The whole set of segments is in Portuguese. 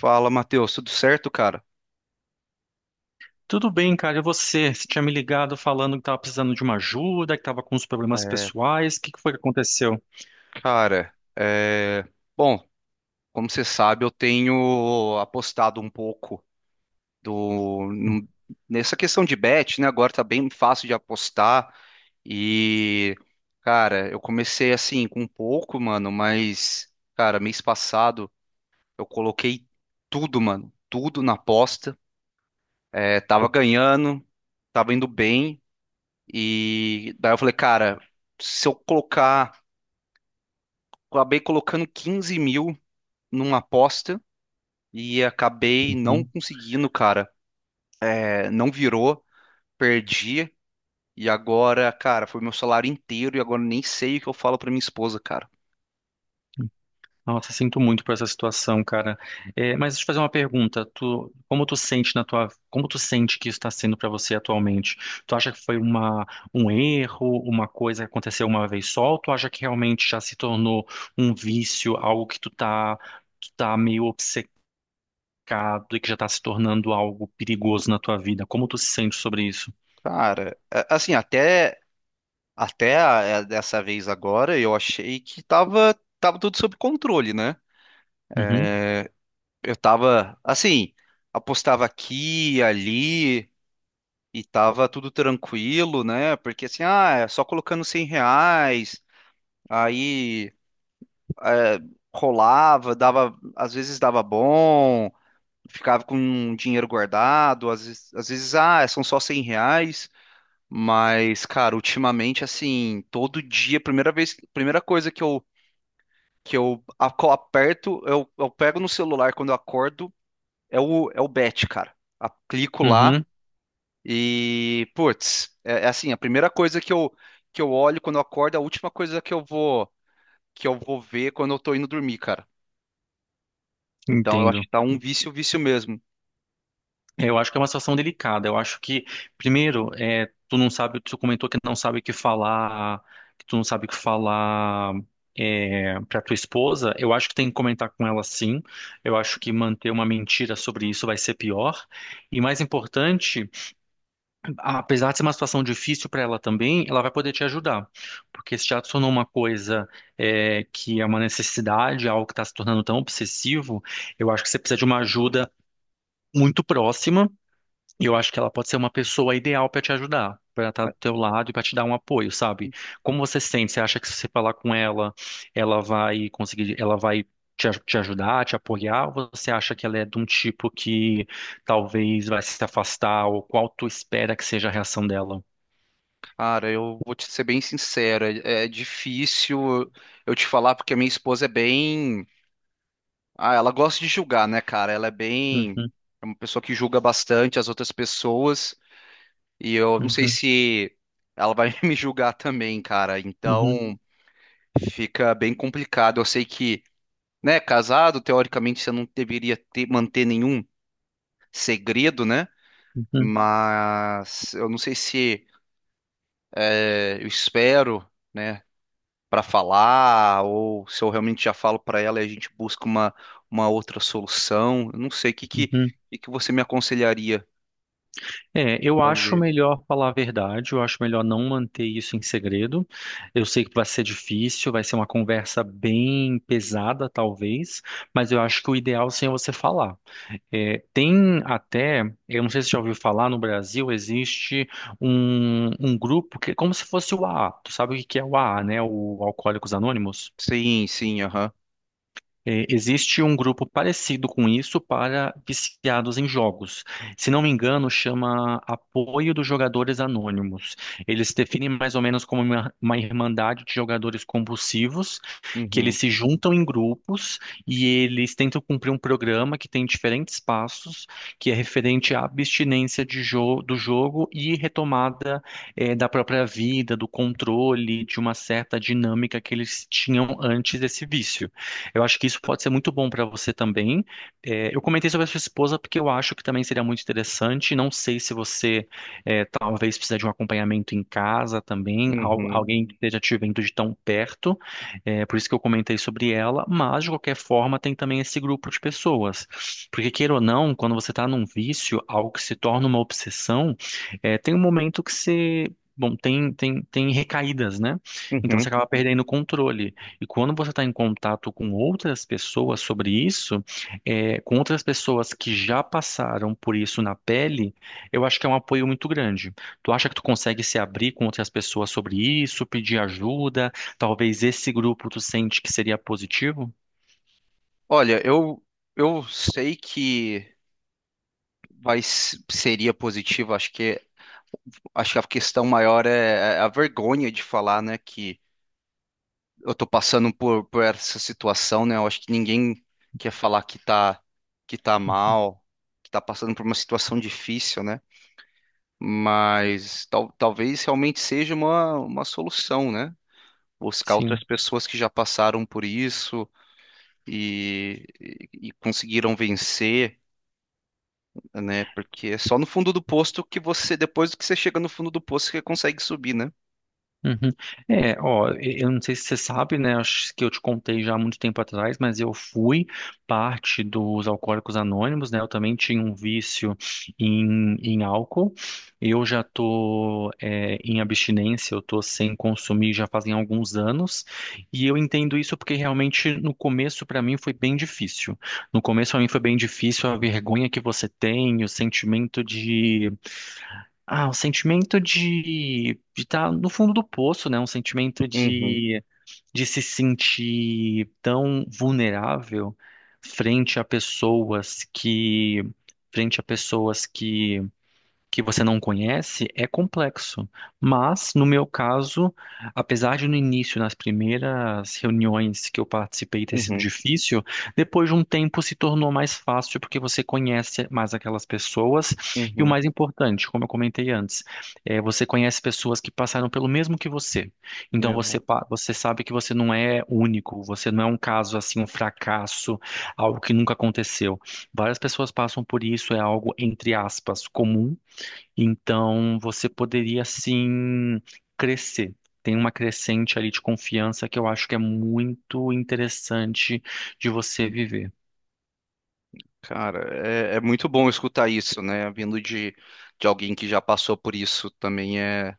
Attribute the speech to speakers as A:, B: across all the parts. A: Fala, Matheus, tudo certo, cara?
B: Tudo bem, cara. E você? Você tinha me ligado falando que estava precisando de uma ajuda, que estava com uns problemas
A: É,
B: pessoais. O que foi que aconteceu?
A: cara, é, bom, Como você sabe, eu tenho apostado um pouco do num- nessa questão de bet, né? Agora tá bem fácil de apostar e, cara, eu comecei assim com um pouco, mano, mas, cara, mês passado eu coloquei tudo, mano, tudo na aposta. Tava ganhando, tava indo bem e daí eu falei, cara, se eu colocar acabei colocando 15 mil numa aposta e acabei não
B: Uhum.
A: conseguindo, cara. Não virou, perdi. E agora, cara, foi meu salário inteiro e agora nem sei o que eu falo pra minha esposa, cara.
B: Nossa, sinto muito por essa situação, cara. É, mas deixa eu fazer uma pergunta. Tu, como tu sente que isso está sendo para você atualmente? Tu acha que foi uma, um erro, uma coisa que aconteceu uma vez só? Ou tu acha que realmente já se tornou um vício, algo que tu tá meio obcecado, complicado, e que já está se tornando algo perigoso na tua vida? Como tu se sente sobre isso?
A: Cara, assim, dessa vez agora eu achei que tava tudo sob controle, né?
B: Uhum,
A: Eu tava, assim, apostava aqui, ali e tava tudo tranquilo, né? Porque assim, ah, é só colocando 100 reais, aí. é, rolava, dava, às vezes dava bom, ficava com um dinheiro guardado, às vezes, ah, são só 100 reais, mas, cara, ultimamente, assim, todo dia, primeira vez, primeira coisa que aperto, eu pego no celular quando eu acordo, é o bet, cara. Clico lá
B: uhum,
A: e, putz, é, é assim, a primeira coisa que eu olho quando eu acordo, é a última coisa que eu vou ver quando eu tô indo dormir, cara. Então, eu acho
B: Entendo.
A: que tá um vício, vício mesmo.
B: Eu acho que é uma situação delicada. Eu acho que, primeiro, é, Tu não sabe, tu comentou que não sabe o que falar, que tu não sabe o que falar. É, para tua esposa, eu acho que tem que comentar com ela, sim. Eu acho que manter uma mentira sobre isso vai ser pior. E mais importante, apesar de ser uma situação difícil para ela também, ela vai poder te ajudar, porque se te adicionou uma coisa que é uma necessidade, algo que está se tornando tão obsessivo, eu acho que você precisa de uma ajuda muito próxima, e eu acho que ela pode ser uma pessoa ideal para te ajudar, para estar do teu lado e para te dar um apoio, sabe? Como você se sente? Você acha que, se você falar com ela, ela vai te ajudar, te apoiar? Ou você acha que ela é de um tipo que talvez vai se afastar? Ou qual tu espera que seja a reação dela?
A: Cara, eu vou te ser bem sincero, é difícil eu te falar porque a minha esposa é bem, ah, ela gosta de julgar, né, cara? Ela é bem,
B: Uhum,
A: é uma pessoa que julga bastante as outras pessoas e eu não sei
B: uhum,
A: se ela vai me julgar também, cara.
B: uhum,
A: Então, fica bem complicado. Eu sei que, né, casado, teoricamente você não deveria ter manter nenhum segredo, né?
B: uhum,
A: Mas eu não sei se eu espero, né, para falar, ou se eu realmente já falo para ela e a gente busca uma outra solução. Eu não sei,
B: uhum.
A: o que que você me aconselharia
B: É, eu
A: a
B: acho
A: fazer?
B: melhor falar a verdade, eu acho melhor não manter isso em segredo. Eu sei que vai ser difícil, vai ser uma conversa bem pesada, talvez, mas eu acho que o ideal, sim, é você falar. É, tem até, eu não sei se você já ouviu falar, no Brasil existe um grupo que é como se fosse o AA. Tu sabe o que que é o AA, né? O Alcoólicos Anônimos?
A: Sim, sim, aham.
B: É, existe um grupo parecido com isso para viciados em jogos. Se não me engano, chama Apoio dos Jogadores Anônimos. Eles definem mais ou menos como uma irmandade de jogadores compulsivos, que eles
A: Uhum,
B: se juntam em grupos e eles tentam cumprir um programa que tem diferentes passos, que é referente à do jogo e retomada, da própria vida, do controle, de uma certa dinâmica que eles tinham antes desse vício. Eu acho que isso pode ser muito bom para você também. Eu comentei sobre a sua esposa porque eu acho que também seria muito interessante. Não sei se você talvez precisa de um acompanhamento em casa também,
A: uhum,
B: alguém que esteja te vendo de tão perto. É, por isso que eu comentei sobre ela. Mas de qualquer forma tem também esse grupo de pessoas, porque queira ou não, quando você está num vício, algo que se torna uma obsessão, é, tem um momento que você Bom, tem recaídas, né? Então
A: uhum.
B: você acaba perdendo o controle. E quando você está em contato com outras pessoas sobre isso, com outras pessoas que já passaram por isso na pele, eu acho que é um apoio muito grande. Tu acha que tu consegue se abrir com outras pessoas sobre isso, pedir ajuda? Talvez esse grupo tu sente que seria positivo?
A: Olha, eu sei que seria positivo, acho que a questão maior é a vergonha de falar, né, que eu tô passando por essa situação, né? Eu acho que ninguém quer falar que tá mal, que tá passando por uma situação difícil, né? Mas talvez realmente seja uma solução, né? Buscar outras
B: Sim.
A: pessoas que já passaram por isso e conseguiram vencer, né? Porque é só no fundo do posto que você, depois que você chega no fundo do posto, que você consegue subir, né?
B: Uhum. Eu não sei se você sabe, né? Acho que eu te contei já há muito tempo atrás, mas eu fui parte dos Alcoólicos Anônimos, né? Eu também tinha um vício em álcool. Eu já tô, é, em abstinência, eu tô sem consumir já fazem alguns anos. E eu entendo isso porque realmente no começo para mim foi bem difícil. No começo para mim foi bem difícil a vergonha que você tem, o sentimento de um sentimento de estar no fundo do poço, né?
A: Uhum,
B: De se sentir tão vulnerável frente a pessoas que, frente a pessoas que você não conhece, é complexo. Mas, no meu caso, apesar de no início, nas primeiras reuniões que eu participei, ter sido
A: uhum,
B: difícil, depois de um tempo se tornou mais fácil porque você conhece mais aquelas pessoas. E o
A: uhum.
B: mais importante, como eu comentei antes, é você conhece pessoas que passaram pelo mesmo que você. Então você,
A: Exato.
B: você sabe que você não é único, você não é um caso assim, um fracasso, algo que nunca aconteceu. Várias pessoas passam por isso, é algo entre aspas comum, então você poderia sim crescer. Tem uma crescente ali de confiança que eu acho que é muito interessante de você viver.
A: Cara, é muito bom escutar isso, né? Vindo de alguém que já passou por isso também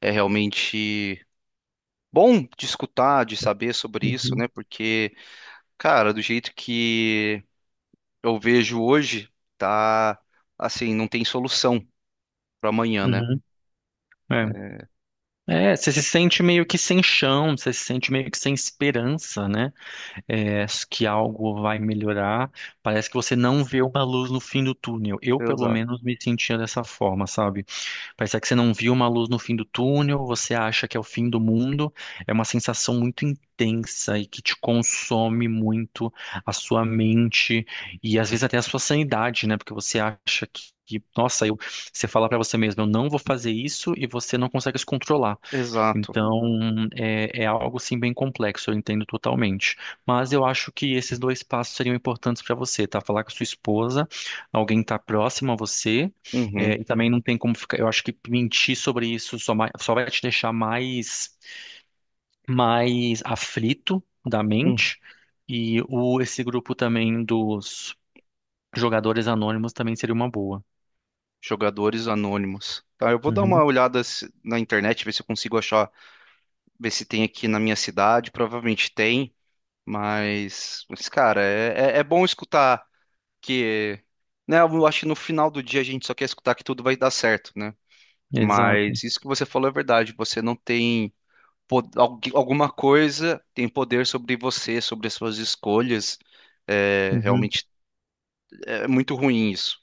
A: é realmente bom de escutar, de saber sobre isso,
B: Uhum,
A: né? Porque, cara, do jeito que eu vejo hoje, tá assim, não tem solução para amanhã, né?
B: uhum, É. É, você se sente meio que sem chão, você se sente meio que sem esperança, né? É, que algo vai melhorar. Parece que você não vê uma luz no fim do túnel. Eu, pelo
A: Exato.
B: menos, me sentia dessa forma, sabe? Parece que você não viu uma luz no fim do túnel, você acha que é o fim do mundo. É uma sensação muito intensa e que te consome muito a sua mente e às vezes até a sua sanidade, né? Porque você acha que nossa, você fala pra você mesmo, eu não vou fazer isso, e você não consegue se controlar.
A: Exato.
B: É algo sim bem complexo, eu entendo totalmente. Mas eu acho que esses dois passos seriam importantes para você, tá? Falar com a sua esposa, alguém tá próximo a você,
A: Uhum.
B: e também não tem como ficar. Eu acho que mentir sobre isso só, só vai te deixar mais, mais aflito da
A: Hum.
B: mente. Esse grupo também dos jogadores anônimos também seria uma boa.
A: Jogadores anônimos. Tá, eu vou dar uma
B: Uhum,
A: olhada na internet, ver se eu consigo achar, ver se tem aqui na minha cidade. Provavelmente tem. Mas cara, é bom escutar que, né? Eu acho que no final do dia a gente só quer escutar que tudo vai dar certo, né?
B: exato.
A: Mas isso que você falou é verdade. Você não tem alguma coisa tem poder sobre você, sobre as suas escolhas. É,
B: Uhum.
A: realmente é muito ruim isso.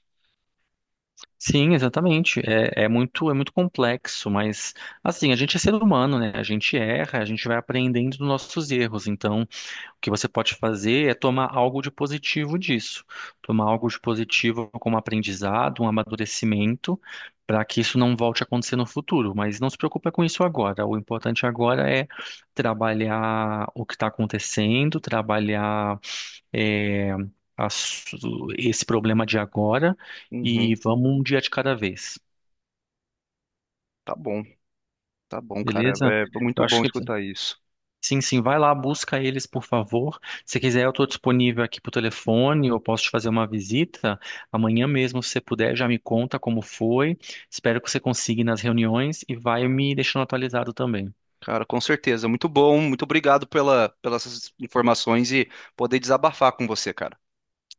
B: Sim, exatamente. É muito complexo, mas, assim, a gente é ser humano, né? A gente erra, a gente vai aprendendo dos nossos erros. Então, o que você pode fazer é tomar algo de positivo disso, tomar algo de positivo como aprendizado, um amadurecimento, para que isso não volte a acontecer no futuro. Mas não se preocupa com isso agora. O importante agora é trabalhar o que está acontecendo, trabalhar é, as- esse problema de agora,
A: Uhum,
B: e vamos um dia de cada vez,
A: tá bom, tá bom, cara.
B: beleza?
A: É
B: Eu
A: muito
B: acho
A: bom
B: que
A: escutar isso.
B: sim, sim, vai lá, busca eles, por favor. Se quiser, eu estou disponível aqui por telefone, eu posso te fazer uma visita amanhã mesmo, se você puder, já me conta como foi. Espero que você consiga ir nas reuniões e vai me deixando atualizado também.
A: Cara, com certeza. Muito bom. Muito obrigado pela, pelas informações e poder desabafar com você, cara.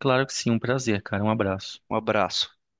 B: Claro que sim, um prazer, cara. Um abraço.
A: Um abraço.